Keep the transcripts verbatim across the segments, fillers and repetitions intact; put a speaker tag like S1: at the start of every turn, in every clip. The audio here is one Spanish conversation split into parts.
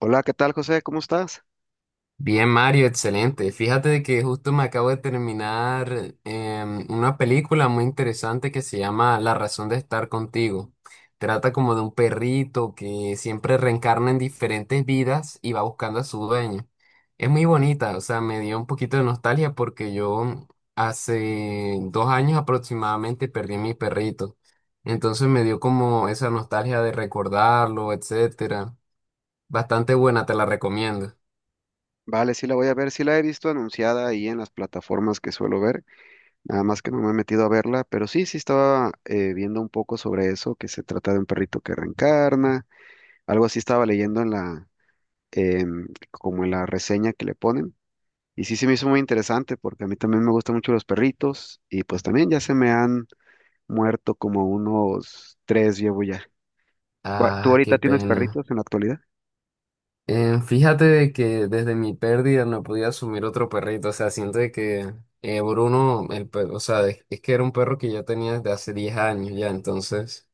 S1: Hola, ¿qué tal, José? ¿Cómo estás?
S2: Bien, Mario, excelente. Fíjate de que justo me acabo de terminar em, una película muy interesante que se llama La razón de estar contigo. Trata como de un perrito que siempre reencarna en diferentes vidas y va buscando a su dueño. Es muy bonita, o sea, me dio un poquito de nostalgia porque yo hace dos años aproximadamente perdí a mi perrito. Entonces me dio como esa nostalgia de recordarlo, etcétera. Bastante buena, te la recomiendo.
S1: Vale, sí la voy a ver, sí la he visto anunciada ahí en las plataformas que suelo ver, nada más que no me he metido a verla, pero sí, sí estaba eh, viendo un poco sobre eso, que se trata de un perrito que reencarna, algo así estaba leyendo en la, em, como en la reseña que le ponen, y sí se me hizo muy interesante porque a mí también me gustan mucho los perritos, y pues también ya se me han muerto como unos tres llevo ya. ¿Cuá- ¿Tú
S2: Ah,
S1: ahorita
S2: qué
S1: tienes
S2: pena.
S1: perritos en la actualidad?
S2: Eh, fíjate de que desde mi pérdida no podía asumir otro perrito. O sea, siento de que eh, Bruno, el pe- o sea, es, es que era un perro que yo tenía desde hace diez años ya. Entonces,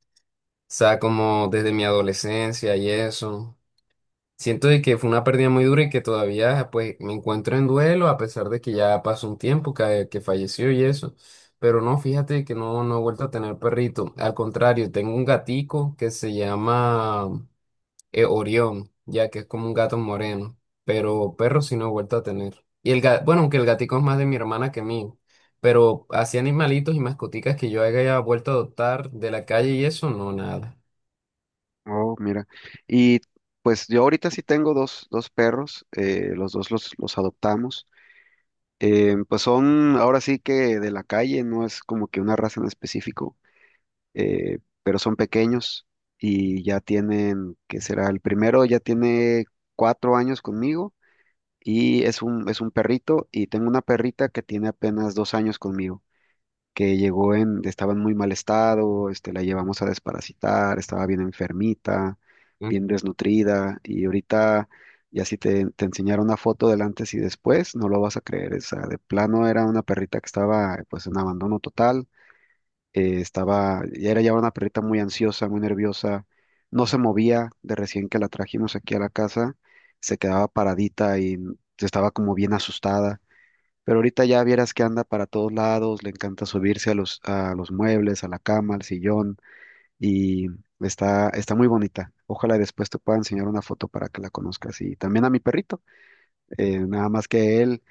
S2: o sea, como desde mi adolescencia y eso. Siento de que fue una pérdida muy dura y que todavía pues me encuentro en duelo a pesar de que ya pasó un tiempo que, que falleció y eso. Pero no, fíjate que no, no he vuelto a tener perrito. Al contrario, tengo un gatico que se llama eh, Orión, ya que es como un gato moreno, pero perro sí no he vuelto a tener. Y el gato, bueno, aunque el gatico es más de mi hermana que mío, pero así animalitos y mascoticas que yo haya vuelto a adoptar de la calle y eso, no, nada.
S1: Oh, mira. Y pues yo ahorita sí tengo dos, dos perros, eh, los dos los, los adoptamos. Eh, pues son ahora sí que de la calle, no es como que una raza en específico, eh, pero son pequeños y ya tienen, ¿qué será? El primero ya tiene cuatro años conmigo y es un, es un perrito, y tengo una perrita que tiene apenas dos años conmigo, que llegó en, estaba en muy mal estado, este, la llevamos a desparasitar, estaba bien enfermita,
S2: Mm.
S1: bien desnutrida, y ahorita ya si te, te enseñara una foto del antes y después, no lo vas a creer. O sea, de plano era una perrita que estaba pues en abandono total, eh, estaba, ya era ya una perrita muy ansiosa, muy nerviosa, no se movía de recién que la trajimos aquí a la casa, se quedaba paradita y mm, estaba como bien asustada, pero ahorita ya vieras que anda para todos lados, le encanta subirse a los, a los muebles, a la cama, al sillón, y está, está muy bonita. Ojalá y después te pueda enseñar una foto para que la conozcas. Y también a mi perrito, eh, nada más que él,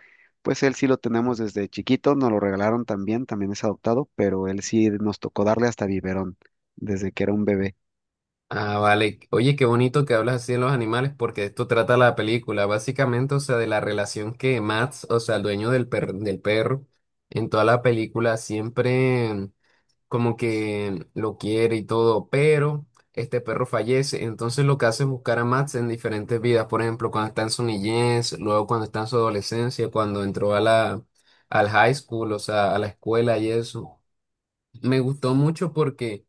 S1: pues él sí lo tenemos desde chiquito, nos lo regalaron también, también es adoptado, pero él sí nos tocó darle hasta biberón desde que era un bebé.
S2: Ah, vale. Oye, qué bonito que hablas así de los animales porque esto trata la película, básicamente, o sea, de la relación que Max, o sea, el dueño del per- del perro, en toda la película siempre... como que lo quiere y todo, pero este perro fallece. Entonces lo que hace es buscar a Max en diferentes vidas, por ejemplo, cuando está en su niñez, luego cuando está en su adolescencia, cuando entró a la, al high school, o sea, a la escuela y eso. Me gustó mucho porque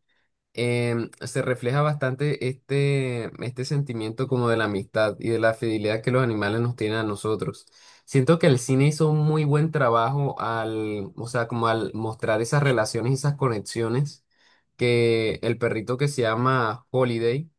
S2: em, se refleja bastante este, este sentimiento como de la amistad y de la fidelidad que los animales nos tienen a nosotros. Siento que el cine hizo un muy buen trabajo al, o sea, como al mostrar esas relaciones y esas conexiones que el perrito que se llama Holiday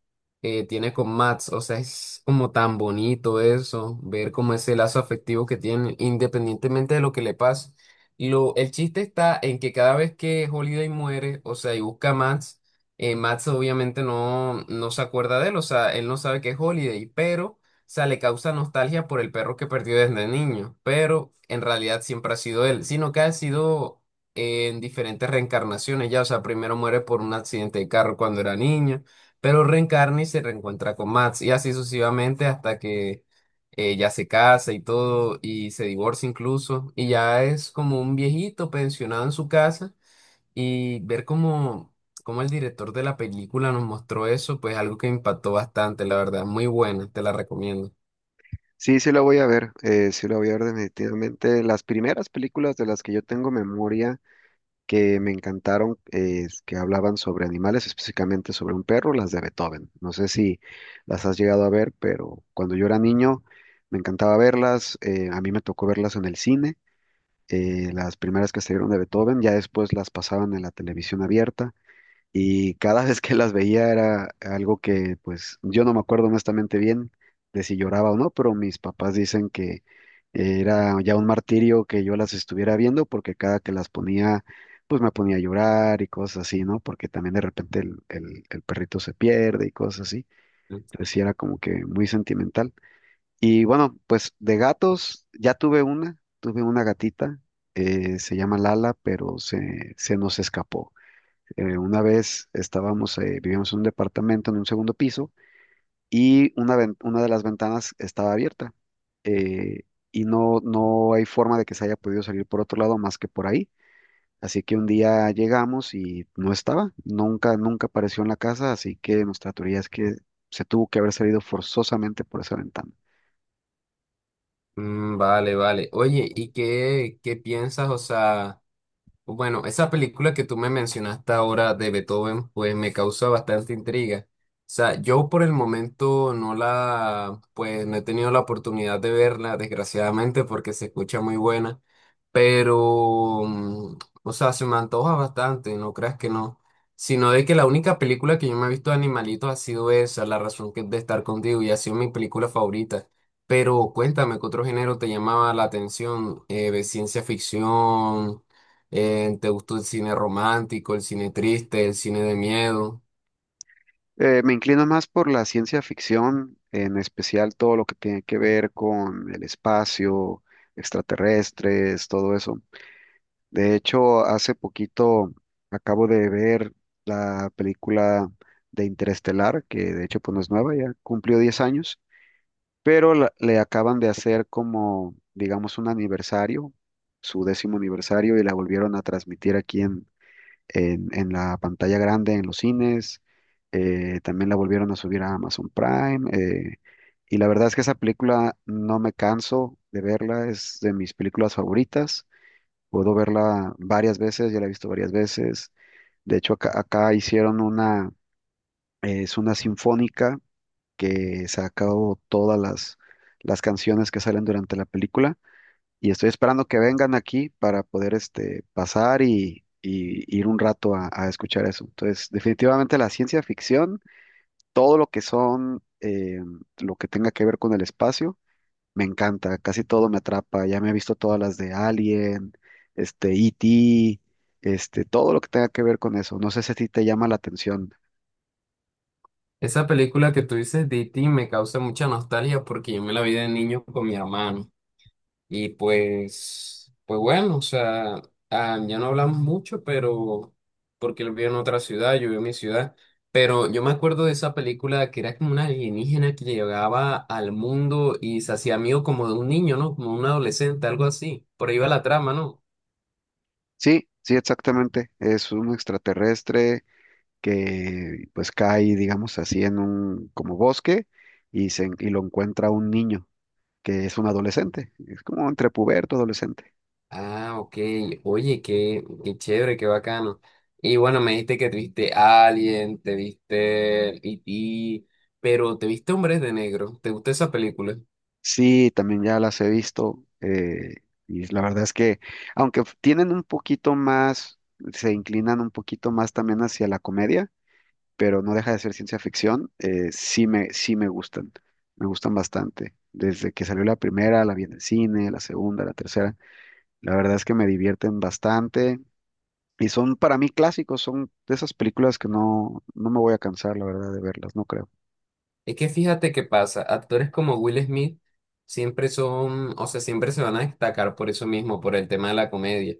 S2: eh, tiene con Max. O sea, es como tan bonito eso, ver como ese lazo afectivo que tienen independientemente de lo que le pase. Lo, el chiste está en que cada vez que Holiday muere, o sea, y busca a Max, eh, Max obviamente no, no se acuerda de él, o sea, él no sabe que es Holiday, pero, o sea, le causa nostalgia por el perro que perdió desde niño, pero en realidad siempre ha sido él, sino que ha sido eh, en diferentes reencarnaciones ya, o sea, primero muere por un accidente de carro cuando era niño, pero reencarna y se reencuentra con Max, y así sucesivamente hasta que eh, ya se casa y todo, y se divorcia incluso, y ya es como un viejito pensionado en su casa y ver cómo, cómo el director de la película nos mostró eso, pues algo que me impactó bastante, la verdad. Muy buena, te la recomiendo.
S1: Sí, sí la voy a ver, eh, sí la voy a ver definitivamente. Las primeras películas de las que yo tengo memoria, que me encantaron, eh, que hablaban sobre animales, específicamente sobre un perro, las de Beethoven. No sé si las has llegado a ver, pero cuando yo era niño me encantaba verlas. Eh, a mí me tocó verlas en el cine, eh, las primeras que salieron de Beethoven, ya después las pasaban en la televisión abierta, y cada vez que las veía era algo que pues yo no me acuerdo honestamente bien de si lloraba o no, pero mis papás dicen que era ya un martirio que yo las estuviera viendo porque cada que las ponía pues me ponía a llorar y cosas así, ¿no? Porque también de repente el, el- el perrito se pierde y cosas así. Entonces sí era como que muy sentimental. Y bueno, pues de gatos ya tuve una, tuve una gatita, eh, se llama Lala, pero se, se nos escapó. Eh, una vez estábamos, eh, vivíamos en un departamento en un segundo piso, y una, ven- una de las ventanas estaba abierta, eh, y no, no hay forma de que se haya podido salir por otro lado más que por ahí. Así que un día llegamos y no estaba, nunca, nunca apareció en la casa, así que nuestra teoría es que se tuvo que haber salido forzosamente por esa ventana.
S2: Mm, vale, vale. Oye, ¿y qué, qué piensas? O sea... Bueno, esa película que tú me mencionaste ahora de Beethoven, pues me causa bastante intriga. O sea, yo por el momento no la, pues no he tenido la oportunidad de verla, desgraciadamente, porque se escucha muy buena, pero, mm, o sea, se me antoja bastante, no creas que no, sino de que la única película que yo me he visto de animalitos ha sido esa, La razón que- de estar contigo, y ha sido mi película favorita. Pero cuéntame, ¿qué otro género te llamaba la atención? Eh, ¿de ciencia ficción? Eh, ¿te gustó el cine romántico, el cine triste, el cine de miedo?
S1: Eh, me inclino más por la ciencia ficción, en especial todo lo que tiene que ver con el espacio, extraterrestres, todo eso. De hecho, hace poquito acabo de ver la película de Interestelar, que de hecho pues no es nueva, ya cumplió diez años, pero la- le acaban de hacer como, digamos, un aniversario, su décimo aniversario, y la volvieron a transmitir aquí en, en, en la pantalla grande, en los cines. Eh, también la volvieron a subir a Amazon Prime, eh, y la verdad es que esa película no me canso de verla, es de mis películas favoritas. Puedo verla varias veces, ya la he visto varias veces. De hecho, acá, acá hicieron una, eh, es una sinfónica que sacó todas las, las canciones que salen durante la película, y estoy esperando que vengan aquí para poder este, pasar y, y ir un rato a, a escuchar eso. Entonces, definitivamente la ciencia ficción, todo lo que son, eh, lo que tenga que ver con el espacio, me encanta, casi todo me atrapa. Ya me he visto todas las de Alien, este, E T, este, todo lo que tenga que ver con eso. No sé si a ti te llama la atención.
S2: Esa película que tú dices, D T, me causa mucha nostalgia porque yo me la vi de niño con mi hermano. Y pues, pues bueno, o sea, ah, ya no hablamos mucho, pero porque él vive en otra ciudad, yo vivo en mi ciudad. Pero yo me acuerdo de esa película que era como una alienígena que llegaba al mundo y se hacía amigo como de un niño, ¿no? Como un adolescente, algo así. Por ahí va la trama, ¿no?
S1: Sí, sí, exactamente. Es un extraterrestre que pues cae, digamos así, en un como bosque y, se, y lo encuentra un niño, que es un adolescente. Es como entre puberto, adolescente.
S2: Ah, ok. Oye, qué, qué chévere, qué bacano. Y bueno, me dijiste que te viste Alien, te viste E T, pero te viste Hombres de Negro. ¿Te gustó esa película?
S1: Sí, también ya las he visto eh, y la verdad es que aunque f- tienen un poquito más, se inclinan un poquito más también hacia la comedia, pero no deja de ser ciencia ficción, eh, sí me, sí me gustan, me gustan bastante. Desde que salió la primera, la vi en el cine, la segunda, la tercera, la verdad es que me divierten bastante y son para mí clásicos, son de esas películas que no, no me voy a cansar, la verdad, de verlas, no creo.
S2: Es que fíjate qué pasa. Actores como Will Smith siempre son, o sea, siempre se van a destacar por eso mismo, por el tema de la comedia.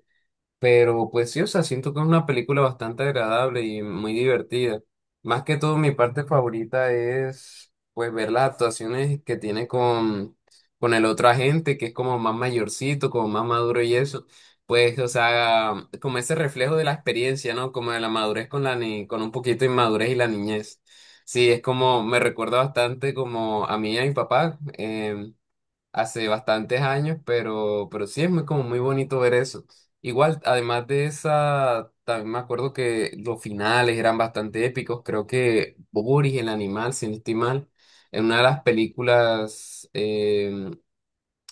S2: Pero pues sí, o sea, siento que es una película bastante agradable y muy divertida. Más que todo, mi parte favorita es pues ver las actuaciones que tiene con, con el otro agente, que es como más mayorcito, como más maduro y eso. Pues, o sea, como ese reflejo de la experiencia, ¿no? Como de la madurez con la ni con un poquito de inmadurez y la niñez. Sí, es como, me recuerda bastante como a mí y a mi papá. Em, hace bastantes años, pero, pero, sí es muy, como muy bonito ver eso. Igual, además de esa, también me acuerdo que los finales eran bastante épicos. Creo que Boris, el animal, si no estoy mal, en una de las películas eh,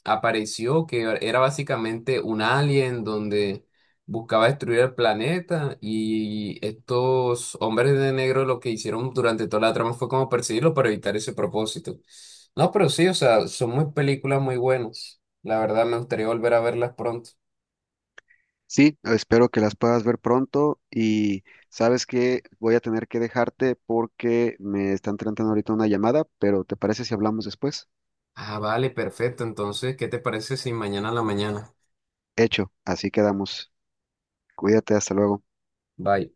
S2: apareció, que era básicamente un alien donde buscaba destruir el planeta y estos hombres de negro lo que hicieron durante toda la trama fue como perseguirlo para evitar ese propósito. No, pero sí, o sea, son muy películas muy buenas. La verdad, me gustaría volver a verlas pronto.
S1: Sí, espero que las puedas ver pronto, y sabes que voy a tener que dejarte porque me están tratando ahorita una llamada, pero ¿te parece si hablamos después?
S2: Ah, vale, perfecto. Entonces, ¿qué te parece si mañana a la mañana?
S1: Hecho, así quedamos. Cuídate, hasta luego.
S2: Bye.